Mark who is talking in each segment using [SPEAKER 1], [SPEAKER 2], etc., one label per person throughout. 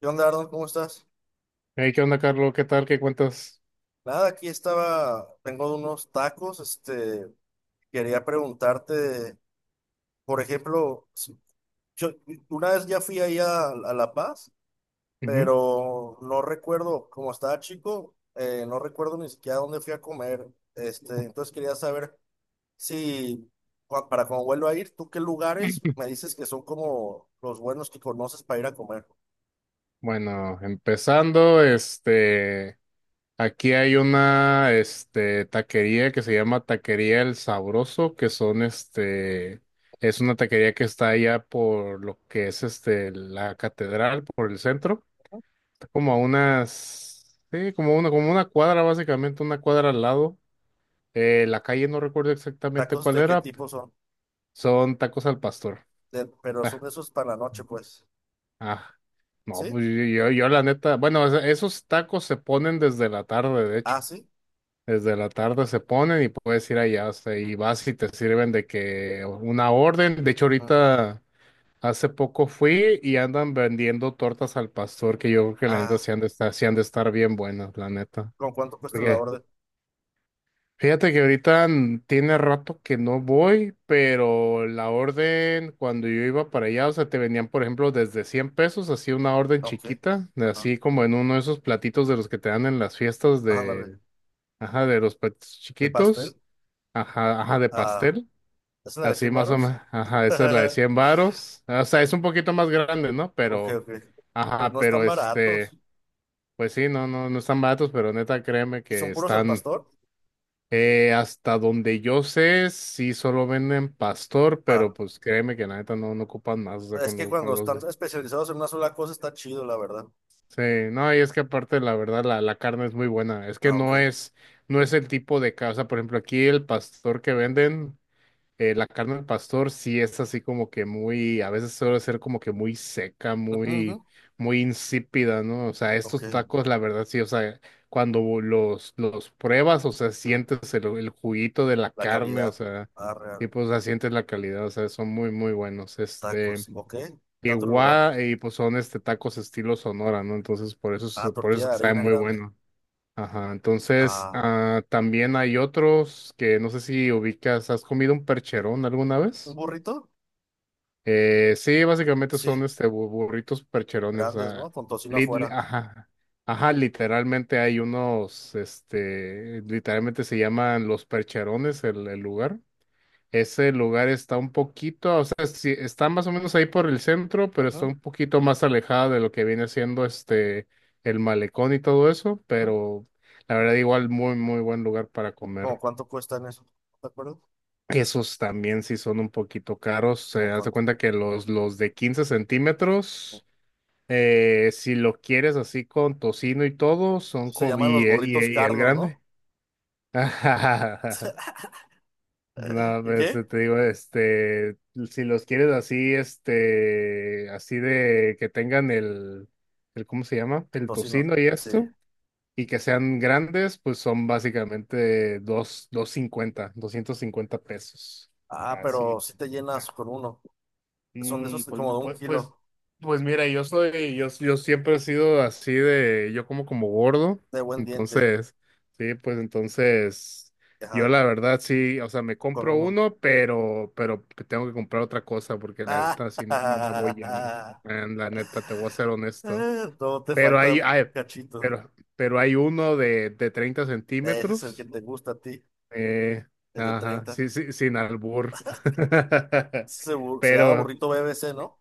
[SPEAKER 1] ¿Qué onda, Arnold? ¿Cómo estás?
[SPEAKER 2] Hey, ¿qué onda, Carlos? ¿Qué tal? ¿Qué cuentas?
[SPEAKER 1] Nada, aquí estaba, tengo unos tacos, quería preguntarte, por ejemplo, yo una vez ya fui ahí a La Paz,
[SPEAKER 2] Ujú.
[SPEAKER 1] pero no recuerdo, como estaba chico, no recuerdo ni siquiera dónde fui a comer, entonces quería saber si, para cuando vuelva a ir, ¿tú qué lugares me dices que son como los buenos que conoces para ir a comer?
[SPEAKER 2] Bueno, empezando, aquí hay una, taquería que se llama Taquería El Sabroso, que es una taquería que está allá por lo que la catedral, por el centro. Está como a unas, sí, como una cuadra, básicamente, una cuadra al lado. La calle no recuerdo exactamente
[SPEAKER 1] ¿Tacos
[SPEAKER 2] cuál
[SPEAKER 1] de qué
[SPEAKER 2] era.
[SPEAKER 1] tipo son?
[SPEAKER 2] Son tacos al pastor.
[SPEAKER 1] Pero son esos para la noche, pues,
[SPEAKER 2] Ah, no,
[SPEAKER 1] ¿sí?
[SPEAKER 2] pues yo la neta, bueno, o sea, esos tacos se ponen desde la tarde, de
[SPEAKER 1] Ah,
[SPEAKER 2] hecho.
[SPEAKER 1] sí.
[SPEAKER 2] Desde la tarde se ponen y puedes ir allá, o sea, y vas y te sirven de que una orden. De hecho,
[SPEAKER 1] Ajá.
[SPEAKER 2] ahorita hace poco fui y andan vendiendo tortas al pastor, que yo creo que la neta
[SPEAKER 1] Ah,
[SPEAKER 2] sí han de estar, sí han de estar bien buenas, la neta.
[SPEAKER 1] ¿con cuánto cuesta la orden?
[SPEAKER 2] Fíjate que tiene rato que no voy, pero la orden cuando yo iba para allá, o sea, te vendían, por ejemplo, desde 100 pesos, así una orden
[SPEAKER 1] Ok,
[SPEAKER 2] chiquita, de
[SPEAKER 1] ajá,
[SPEAKER 2] así como en uno de esos platitos de los que te dan en las fiestas de,
[SPEAKER 1] ándale.
[SPEAKER 2] ajá, de los platitos
[SPEAKER 1] ¿De pastel?
[SPEAKER 2] chiquitos, ajá, ajá, de
[SPEAKER 1] Ah,
[SPEAKER 2] pastel,
[SPEAKER 1] ¿es la de
[SPEAKER 2] así
[SPEAKER 1] 100
[SPEAKER 2] más o
[SPEAKER 1] varos?
[SPEAKER 2] menos, ajá, esa es la de 100 varos, o sea, es un poquito más grande, ¿no?
[SPEAKER 1] Ok,
[SPEAKER 2] Pero,
[SPEAKER 1] ok. Pues
[SPEAKER 2] ajá,
[SPEAKER 1] no
[SPEAKER 2] pero
[SPEAKER 1] están baratos.
[SPEAKER 2] pues sí, no, no, no están baratos, pero neta, créeme
[SPEAKER 1] ¿Y
[SPEAKER 2] que
[SPEAKER 1] son puros al
[SPEAKER 2] están.
[SPEAKER 1] pastor?
[SPEAKER 2] Hasta donde yo sé, sí solo venden pastor, pero
[SPEAKER 1] Va.
[SPEAKER 2] pues créeme que la neta no ocupan más, o sea,
[SPEAKER 1] Es que cuando
[SPEAKER 2] con los
[SPEAKER 1] están
[SPEAKER 2] de...
[SPEAKER 1] especializados en una sola cosa está chido, la verdad.
[SPEAKER 2] Sí, no, y es que aparte la verdad la carne es muy buena, es que
[SPEAKER 1] Ah, ok.
[SPEAKER 2] no es el tipo de casa, por ejemplo, aquí el pastor que venden la carne al pastor sí es así como que muy, a veces suele ser como que muy seca,
[SPEAKER 1] Ujú, ujú.
[SPEAKER 2] muy, muy insípida, ¿no? O sea,
[SPEAKER 1] Ok.
[SPEAKER 2] estos tacos, la verdad sí, o sea, cuando los pruebas, o sea,
[SPEAKER 1] Mm.
[SPEAKER 2] sientes el juguito de la
[SPEAKER 1] La
[SPEAKER 2] carne, o
[SPEAKER 1] calidad.
[SPEAKER 2] sea,
[SPEAKER 1] Ah,
[SPEAKER 2] y
[SPEAKER 1] real.
[SPEAKER 2] pues, o sea, sientes la calidad, o sea, son muy, muy buenos.
[SPEAKER 1] Tacos. Ok. ¿Qué otro lugar?
[SPEAKER 2] Igual, y pues son tacos estilo Sonora, ¿no? Entonces, por eso,
[SPEAKER 1] Ah,
[SPEAKER 2] por eso
[SPEAKER 1] tortilla
[SPEAKER 2] es
[SPEAKER 1] de
[SPEAKER 2] que saben
[SPEAKER 1] harina
[SPEAKER 2] muy
[SPEAKER 1] grande.
[SPEAKER 2] buenos. Ajá, entonces
[SPEAKER 1] Ah,
[SPEAKER 2] también hay otros que no sé si ubicas, ¿has comido un percherón alguna
[SPEAKER 1] ¿un
[SPEAKER 2] vez?
[SPEAKER 1] burrito?
[SPEAKER 2] Sí, básicamente
[SPEAKER 1] Sí,
[SPEAKER 2] son burritos percherones,
[SPEAKER 1] grandes, ¿no? Con tocino afuera.
[SPEAKER 2] ajá, ajá, literalmente hay literalmente se llaman los percherones el lugar. Ese lugar está un poquito, o sea, sí, está más o menos ahí por el centro, pero está
[SPEAKER 1] Ujú,
[SPEAKER 2] un poquito más alejada de lo que viene siendo el malecón y todo eso,
[SPEAKER 1] ujú.
[SPEAKER 2] pero la verdad igual muy muy buen lugar para
[SPEAKER 1] ¿Cómo
[SPEAKER 2] comer.
[SPEAKER 1] cuánto cuestan eso? ¿Te acuerdas?
[SPEAKER 2] Esos también sí son un poquito caros.
[SPEAKER 1] Como
[SPEAKER 2] Se hace
[SPEAKER 1] cuánto.
[SPEAKER 2] cuenta que los de 15 centímetros, si lo quieres así con tocino y todo, son
[SPEAKER 1] Se
[SPEAKER 2] co-
[SPEAKER 1] llaman los burritos
[SPEAKER 2] y el
[SPEAKER 1] Carlo,
[SPEAKER 2] grande.
[SPEAKER 1] ¿no?
[SPEAKER 2] No,
[SPEAKER 1] ¿Y
[SPEAKER 2] pues
[SPEAKER 1] qué?
[SPEAKER 2] te digo, si los quieres así, así de que tengan ¿cómo se llama? El
[SPEAKER 1] Tocino,
[SPEAKER 2] tocino y
[SPEAKER 1] sí. No, sí.
[SPEAKER 2] esto, y que sean grandes, pues son básicamente dos cincuenta, 250 pesos.
[SPEAKER 1] Ah,
[SPEAKER 2] Así.
[SPEAKER 1] pero si te llenas con uno. Son de esos
[SPEAKER 2] Pues,
[SPEAKER 1] como de un kilo
[SPEAKER 2] pues mira, yo siempre he sido así de, yo como como gordo,
[SPEAKER 1] de buen diente.
[SPEAKER 2] entonces, sí, pues entonces, yo
[SPEAKER 1] Ajá,
[SPEAKER 2] la verdad sí, o sea, me
[SPEAKER 1] con
[SPEAKER 2] compro
[SPEAKER 1] uno.
[SPEAKER 2] uno, pero, tengo que comprar otra cosa porque la
[SPEAKER 1] Ah,
[SPEAKER 2] neta sí no la voy yendo, la neta, te voy a ser honesto,
[SPEAKER 1] todo te
[SPEAKER 2] pero
[SPEAKER 1] falta un cachito.
[SPEAKER 2] pero hay uno de 30
[SPEAKER 1] Ese es el que
[SPEAKER 2] centímetros,
[SPEAKER 1] te gusta a ti,
[SPEAKER 2] eh,
[SPEAKER 1] el de
[SPEAKER 2] ajá,
[SPEAKER 1] 30.
[SPEAKER 2] sí, sí, sin albur,
[SPEAKER 1] Se llama
[SPEAKER 2] pero...
[SPEAKER 1] burrito BBC, ¿no?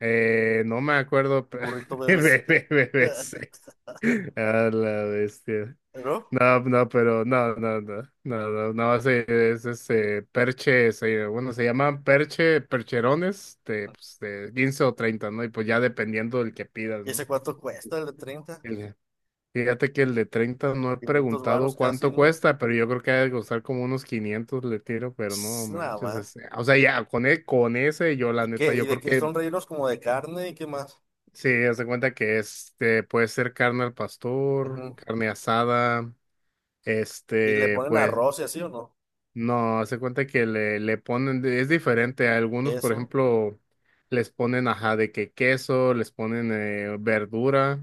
[SPEAKER 2] No me acuerdo.
[SPEAKER 1] El burrito BBC.
[SPEAKER 2] BBC. A la bestia.
[SPEAKER 1] ¿No?
[SPEAKER 2] No, no, pero no, no, no, no, no, no, ese es se llaman percherones de, pues, de 15 o 30, ¿no? Y pues ya dependiendo del que pidas,
[SPEAKER 1] ¿Y
[SPEAKER 2] ¿no?
[SPEAKER 1] ese cuánto cuesta el de 30?
[SPEAKER 2] El- Fíjate que el de 30 no he
[SPEAKER 1] 500 varos
[SPEAKER 2] preguntado
[SPEAKER 1] casi,
[SPEAKER 2] cuánto
[SPEAKER 1] ¿no?
[SPEAKER 2] cuesta, pero yo creo que ha de costar como unos 500 le tiro, pero no
[SPEAKER 1] Pss, nada
[SPEAKER 2] manches,
[SPEAKER 1] más.
[SPEAKER 2] o sea, ya, con ese yo la
[SPEAKER 1] ¿Y
[SPEAKER 2] neta,
[SPEAKER 1] qué? ¿Y
[SPEAKER 2] yo
[SPEAKER 1] de
[SPEAKER 2] creo
[SPEAKER 1] que
[SPEAKER 2] que.
[SPEAKER 1] son rellenos como de carne y qué más?
[SPEAKER 2] Sí, haz de cuenta que este puede ser carne al pastor,
[SPEAKER 1] Ujú.
[SPEAKER 2] carne asada,
[SPEAKER 1] ¿Y le
[SPEAKER 2] este,
[SPEAKER 1] ponen
[SPEAKER 2] pues,
[SPEAKER 1] arroz y así o no?
[SPEAKER 2] no, haz de cuenta que le ponen, es diferente. A algunos, por
[SPEAKER 1] ¿Queso?
[SPEAKER 2] ejemplo, les ponen ajá de que queso, les ponen verdura.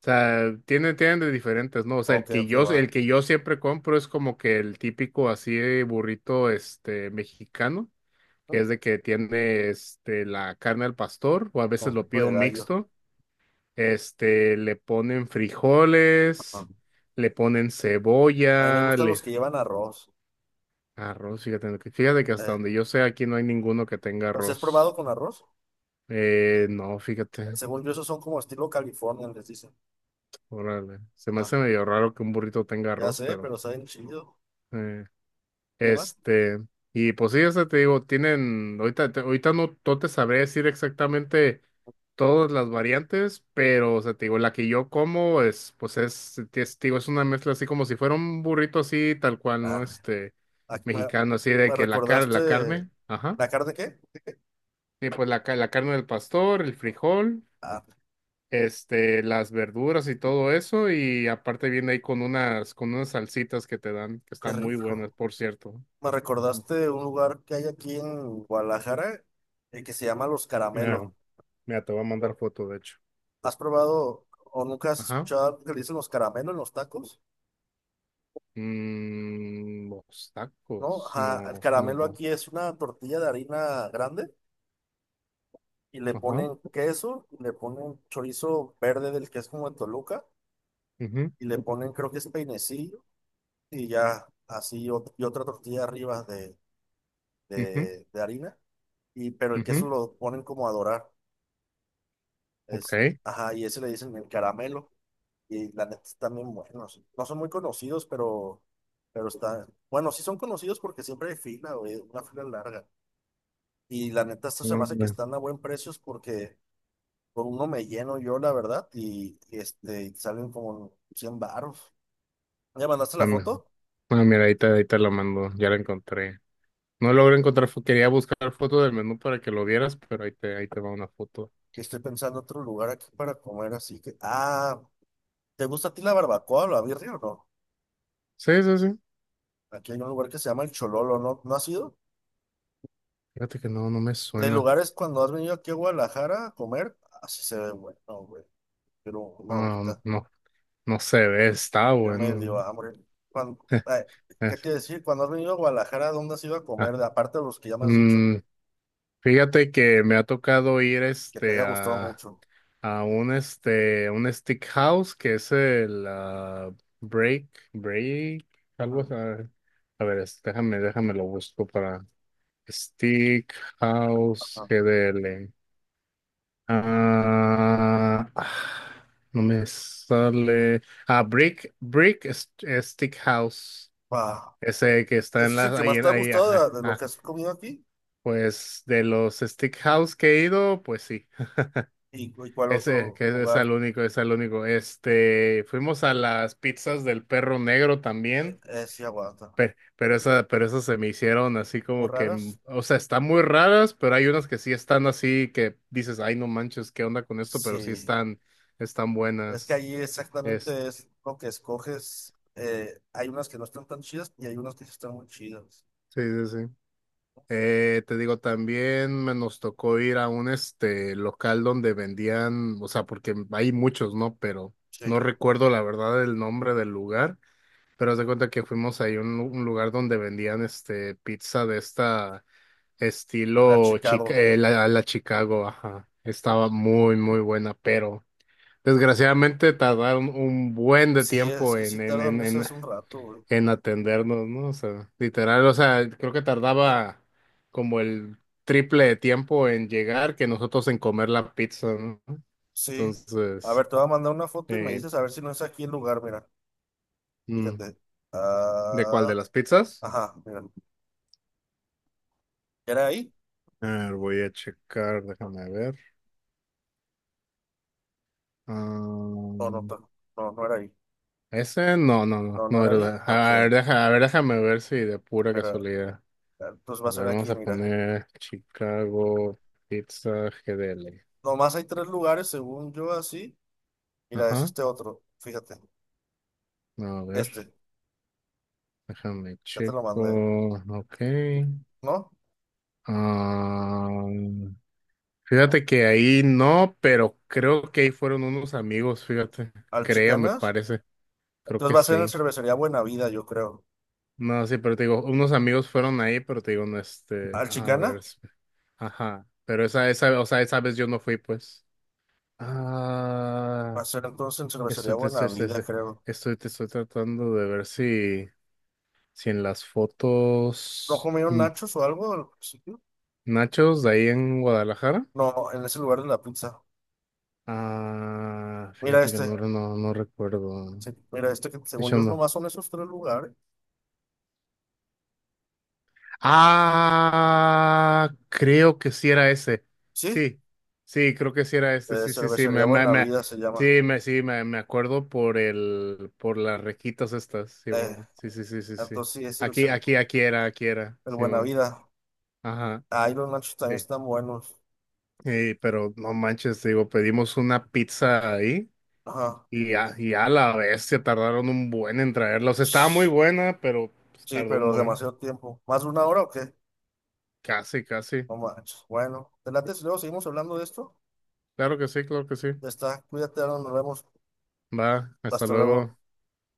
[SPEAKER 2] O sea, tienen de diferentes, ¿no? O sea,
[SPEAKER 1] Ok, ok,
[SPEAKER 2] el
[SPEAKER 1] va.
[SPEAKER 2] que yo siempre compro es como que el típico así de burrito mexicano, que
[SPEAKER 1] Ujú.
[SPEAKER 2] es de que tiene la carne al pastor, o a veces
[SPEAKER 1] Con
[SPEAKER 2] lo
[SPEAKER 1] pico
[SPEAKER 2] pido
[SPEAKER 1] de gallo.
[SPEAKER 2] mixto le ponen
[SPEAKER 1] Ajá.
[SPEAKER 2] frijoles, le ponen
[SPEAKER 1] A mí me
[SPEAKER 2] cebolla,
[SPEAKER 1] gustan
[SPEAKER 2] le...
[SPEAKER 1] los que llevan arroz.
[SPEAKER 2] Arroz, fíjate, fíjate que hasta
[SPEAKER 1] Eh,
[SPEAKER 2] donde yo sé aquí no hay ninguno que tenga
[SPEAKER 1] ¿Los has
[SPEAKER 2] arroz.
[SPEAKER 1] probado con arroz?
[SPEAKER 2] No, fíjate,
[SPEAKER 1] Según yo, esos son como estilo California, les dicen.
[SPEAKER 2] órale. Se me
[SPEAKER 1] Ajá.
[SPEAKER 2] hace medio raro que un burrito tenga
[SPEAKER 1] Ya
[SPEAKER 2] arroz,
[SPEAKER 1] sé,
[SPEAKER 2] pero...
[SPEAKER 1] pero saben chido.
[SPEAKER 2] eh,
[SPEAKER 1] ¿Qué más?
[SPEAKER 2] Este, y pues sí, o sea, te digo, tienen, ahorita no te sabré decir exactamente todas las variantes, pero, o sea, te digo, la que yo como es, pues es una mezcla así como si fuera un burrito así, tal cual, ¿no?
[SPEAKER 1] Arre. Aquí me,
[SPEAKER 2] Mexicano, así de
[SPEAKER 1] me
[SPEAKER 2] que la
[SPEAKER 1] recordaste.
[SPEAKER 2] carne, ajá,
[SPEAKER 1] ¿La carne qué?
[SPEAKER 2] y pues la carne del pastor, el frijol,
[SPEAKER 1] Ah,
[SPEAKER 2] las verduras y todo eso, y aparte viene ahí con unas salsitas que te dan, que
[SPEAKER 1] qué
[SPEAKER 2] están muy buenas,
[SPEAKER 1] rico.
[SPEAKER 2] por cierto.
[SPEAKER 1] Me
[SPEAKER 2] Mm.
[SPEAKER 1] recordaste un lugar que hay aquí en Guadalajara que se llama Los
[SPEAKER 2] Ah.
[SPEAKER 1] Caramelos.
[SPEAKER 2] Mira, te voy a mandar foto, de hecho.
[SPEAKER 1] ¿Has probado o nunca has
[SPEAKER 2] Ajá.
[SPEAKER 1] escuchado que le dicen los caramelos en los tacos?
[SPEAKER 2] Mm, los
[SPEAKER 1] ¿No?
[SPEAKER 2] tacos,
[SPEAKER 1] Ajá, el
[SPEAKER 2] no,
[SPEAKER 1] caramelo
[SPEAKER 2] no.
[SPEAKER 1] aquí es una tortilla de harina grande y le
[SPEAKER 2] Ajá.
[SPEAKER 1] ponen queso, y le ponen chorizo verde del que es como de Toluca
[SPEAKER 2] Ujú,
[SPEAKER 1] y le ponen creo que es peinecillo y ya así y otra tortilla arriba de,
[SPEAKER 2] ujú,
[SPEAKER 1] de, de harina y pero el
[SPEAKER 2] ujú,
[SPEAKER 1] queso lo ponen como a dorar. Es,
[SPEAKER 2] ok.
[SPEAKER 1] ajá, y ese le dicen el caramelo. Y la neta están bien buenos. No son muy conocidos, pero están. Bueno, sí son conocidos porque siempre hay fila, güey, una fila larga. Y la neta, esto se me hace que
[SPEAKER 2] Mm.
[SPEAKER 1] están a buen precios porque por uno me lleno yo, la verdad, y salen como 100 baros. ¿Ya mandaste la
[SPEAKER 2] Ah.
[SPEAKER 1] foto?
[SPEAKER 2] Mira, ahí te la mando, ya la encontré. No logré encontrar, quería buscar foto del menú para que lo vieras, pero ahí te va una foto.
[SPEAKER 1] Que estoy pensando otro lugar aquí para comer, así que. Ah, ¿te gusta a ti la barbacoa o la birria o no?
[SPEAKER 2] Sí, sí, sí.
[SPEAKER 1] Aquí hay un lugar que se llama El Chololo, ¿no? ¿No has ido?
[SPEAKER 2] Fíjate que no me
[SPEAKER 1] De
[SPEAKER 2] suena.
[SPEAKER 1] lugares cuando has venido aquí a Guadalajara a comer, así se ve bueno, güey. Pero no
[SPEAKER 2] No,
[SPEAKER 1] ahorita,
[SPEAKER 2] no, no, no se ve, está
[SPEAKER 1] ya me dio
[SPEAKER 2] bueno.
[SPEAKER 1] hambre. Cuando, ay, ¿qué te iba a decir? Cuando has venido a Guadalajara, ¿dónde has ido a comer?
[SPEAKER 2] Ah,
[SPEAKER 1] Aparte de los que ya me has dicho,
[SPEAKER 2] mm, fíjate que me ha tocado ir
[SPEAKER 1] que te haya gustado mucho.
[SPEAKER 2] a un un stick house que es el break break algo
[SPEAKER 1] Ajá.
[SPEAKER 2] así. A ver, déjame lo busco para stick house
[SPEAKER 1] Ajá.
[SPEAKER 2] GDL. Ah, ah, no me sale. Brick brick stick house
[SPEAKER 1] Pa,
[SPEAKER 2] ese que está en
[SPEAKER 1] ¿ese es el que más te ha
[SPEAKER 2] ahí ajá,
[SPEAKER 1] gustado de lo que
[SPEAKER 2] ajá.
[SPEAKER 1] has comido aquí?
[SPEAKER 2] Pues de los stick house que he ido, pues sí.
[SPEAKER 1] ¿Y cuál
[SPEAKER 2] Ese,
[SPEAKER 1] otro
[SPEAKER 2] que es
[SPEAKER 1] lugar?
[SPEAKER 2] el único, es el único. Fuimos a las pizzas del perro negro también,
[SPEAKER 1] ¿Sí aguanta?
[SPEAKER 2] pero, pero esas se me hicieron así
[SPEAKER 1] ¿Muy
[SPEAKER 2] como que,
[SPEAKER 1] raras?
[SPEAKER 2] o sea, están muy raras, pero hay unas que sí están así que dices, ay, no manches, ¿qué onda con esto? Pero sí
[SPEAKER 1] Sí.
[SPEAKER 2] están
[SPEAKER 1] Es que
[SPEAKER 2] buenas.
[SPEAKER 1] ahí
[SPEAKER 2] Es,
[SPEAKER 1] exactamente es lo que escoges. Hay unas que no están tan chidas y hay unas que sí están muy chidas.
[SPEAKER 2] sí, sí, sí. Te digo, también me nos tocó ir a un local donde vendían, o sea, porque hay muchos, ¿no? Pero
[SPEAKER 1] Sí.
[SPEAKER 2] no recuerdo la verdad el nombre del lugar. Pero haz de cuenta que fuimos ahí a un lugar donde vendían pizza de
[SPEAKER 1] La Chicago.
[SPEAKER 2] la Chicago, ajá. Estaba muy, muy buena, pero desgraciadamente tardaron un buen de
[SPEAKER 1] Sí, es
[SPEAKER 2] tiempo
[SPEAKER 1] que sí tardan esas un rato, güey.
[SPEAKER 2] en atendernos, ¿no? O sea, literal, o sea, creo que tardaba como el triple de tiempo en llegar que nosotros en comer la pizza, ¿no?
[SPEAKER 1] Sí. A
[SPEAKER 2] Entonces,
[SPEAKER 1] ver, te voy a mandar una foto y me
[SPEAKER 2] eh,
[SPEAKER 1] dices a ver si no es aquí el lugar, mira.
[SPEAKER 2] mm,
[SPEAKER 1] Fíjate.
[SPEAKER 2] ¿de cuál de
[SPEAKER 1] Ah,
[SPEAKER 2] las pizzas?
[SPEAKER 1] ajá, mira. ¿Era ahí?
[SPEAKER 2] A ver, voy a checar, déjame ver. Ah,
[SPEAKER 1] No, no, no, no, no era ahí.
[SPEAKER 2] ese no, no,
[SPEAKER 1] No,
[SPEAKER 2] no,
[SPEAKER 1] no
[SPEAKER 2] no,
[SPEAKER 1] era ahí.
[SPEAKER 2] verdad.
[SPEAKER 1] Ah, ok,
[SPEAKER 2] A ver, a ver, déjame ver si de pura
[SPEAKER 1] mira.
[SPEAKER 2] casualidad.
[SPEAKER 1] Entonces va
[SPEAKER 2] A
[SPEAKER 1] a ser
[SPEAKER 2] ver, vamos
[SPEAKER 1] aquí,
[SPEAKER 2] a
[SPEAKER 1] mira.
[SPEAKER 2] poner Chicago Pizza GDL.
[SPEAKER 1] Nomás hay tres lugares, según yo, así. Mira, es
[SPEAKER 2] Ajá.
[SPEAKER 1] este otro. Fíjate.
[SPEAKER 2] A ver,
[SPEAKER 1] Este.
[SPEAKER 2] déjame
[SPEAKER 1] Ya te lo
[SPEAKER 2] checo.
[SPEAKER 1] mandé.
[SPEAKER 2] Ok.
[SPEAKER 1] ¿No?
[SPEAKER 2] Ah, fíjate que ahí no, pero creo que ahí fueron unos amigos, fíjate.
[SPEAKER 1] Al
[SPEAKER 2] Creo, me
[SPEAKER 1] Chicanas.
[SPEAKER 2] parece. Creo
[SPEAKER 1] Entonces
[SPEAKER 2] que
[SPEAKER 1] va a ser en
[SPEAKER 2] sí.
[SPEAKER 1] Cervecería Buena Vida, yo creo.
[SPEAKER 2] No, sí, pero te digo, unos amigos fueron ahí, pero te digo, no,
[SPEAKER 1] Al
[SPEAKER 2] a ver.
[SPEAKER 1] Chicana
[SPEAKER 2] Ajá. Pero o sea, esa vez yo no fui, pues.
[SPEAKER 1] va
[SPEAKER 2] Ah,
[SPEAKER 1] a ser entonces en
[SPEAKER 2] estoy,
[SPEAKER 1] Cervecería
[SPEAKER 2] te- estoy,
[SPEAKER 1] Buena
[SPEAKER 2] estoy,
[SPEAKER 1] Vida,
[SPEAKER 2] estoy,
[SPEAKER 1] creo.
[SPEAKER 2] estoy- te estoy tratando de ver si en las
[SPEAKER 1] ¿No
[SPEAKER 2] fotos.
[SPEAKER 1] comieron nachos o algo?
[SPEAKER 2] Nachos de ahí en Guadalajara.
[SPEAKER 1] No, en ese lugar de la pizza.
[SPEAKER 2] Ah,
[SPEAKER 1] Mira
[SPEAKER 2] fíjate que
[SPEAKER 1] este.
[SPEAKER 2] no, no, no recuerdo.
[SPEAKER 1] Sí, mira este que
[SPEAKER 2] De
[SPEAKER 1] según
[SPEAKER 2] hecho,
[SPEAKER 1] yo
[SPEAKER 2] no.
[SPEAKER 1] nomás son esos tres lugares.
[SPEAKER 2] Ah, creo que sí era ese.
[SPEAKER 1] Sí,
[SPEAKER 2] Sí, sí, creo que sí era este. Sí, sí, sí.
[SPEAKER 1] Cervecería
[SPEAKER 2] Me, me,
[SPEAKER 1] Buena
[SPEAKER 2] me,
[SPEAKER 1] Vida se llama.
[SPEAKER 2] sí, me, sí, me, me acuerdo por por las requitas estas,
[SPEAKER 1] Eh,
[SPEAKER 2] Simón. Sí, sí, sí, sí, sí.
[SPEAKER 1] entonces sí, es
[SPEAKER 2] Aquí, aquí, aquí era, aquí era,
[SPEAKER 1] el Buena
[SPEAKER 2] Simón.
[SPEAKER 1] Vida.
[SPEAKER 2] Ajá.
[SPEAKER 1] Ahí los nachos también
[SPEAKER 2] Sí.
[SPEAKER 1] están buenos.
[SPEAKER 2] Sí, pero no manches, digo, pedimos una pizza ahí
[SPEAKER 1] Ajá.
[SPEAKER 2] y y a la bestia tardaron un buen en traerla. O sea, estaba muy
[SPEAKER 1] Shh.
[SPEAKER 2] buena, pero pues,
[SPEAKER 1] Sí,
[SPEAKER 2] tardó un
[SPEAKER 1] pero
[SPEAKER 2] buen.
[SPEAKER 1] demasiado tiempo. ¿Más de una hora o qué?
[SPEAKER 2] Casi, casi.
[SPEAKER 1] No manches. Bueno, te late si luego seguimos hablando de esto.
[SPEAKER 2] Claro que sí, claro que sí.
[SPEAKER 1] Ya está. Cuídate, Aaron, nos vemos.
[SPEAKER 2] Va, hasta
[SPEAKER 1] Hasta
[SPEAKER 2] luego.
[SPEAKER 1] luego.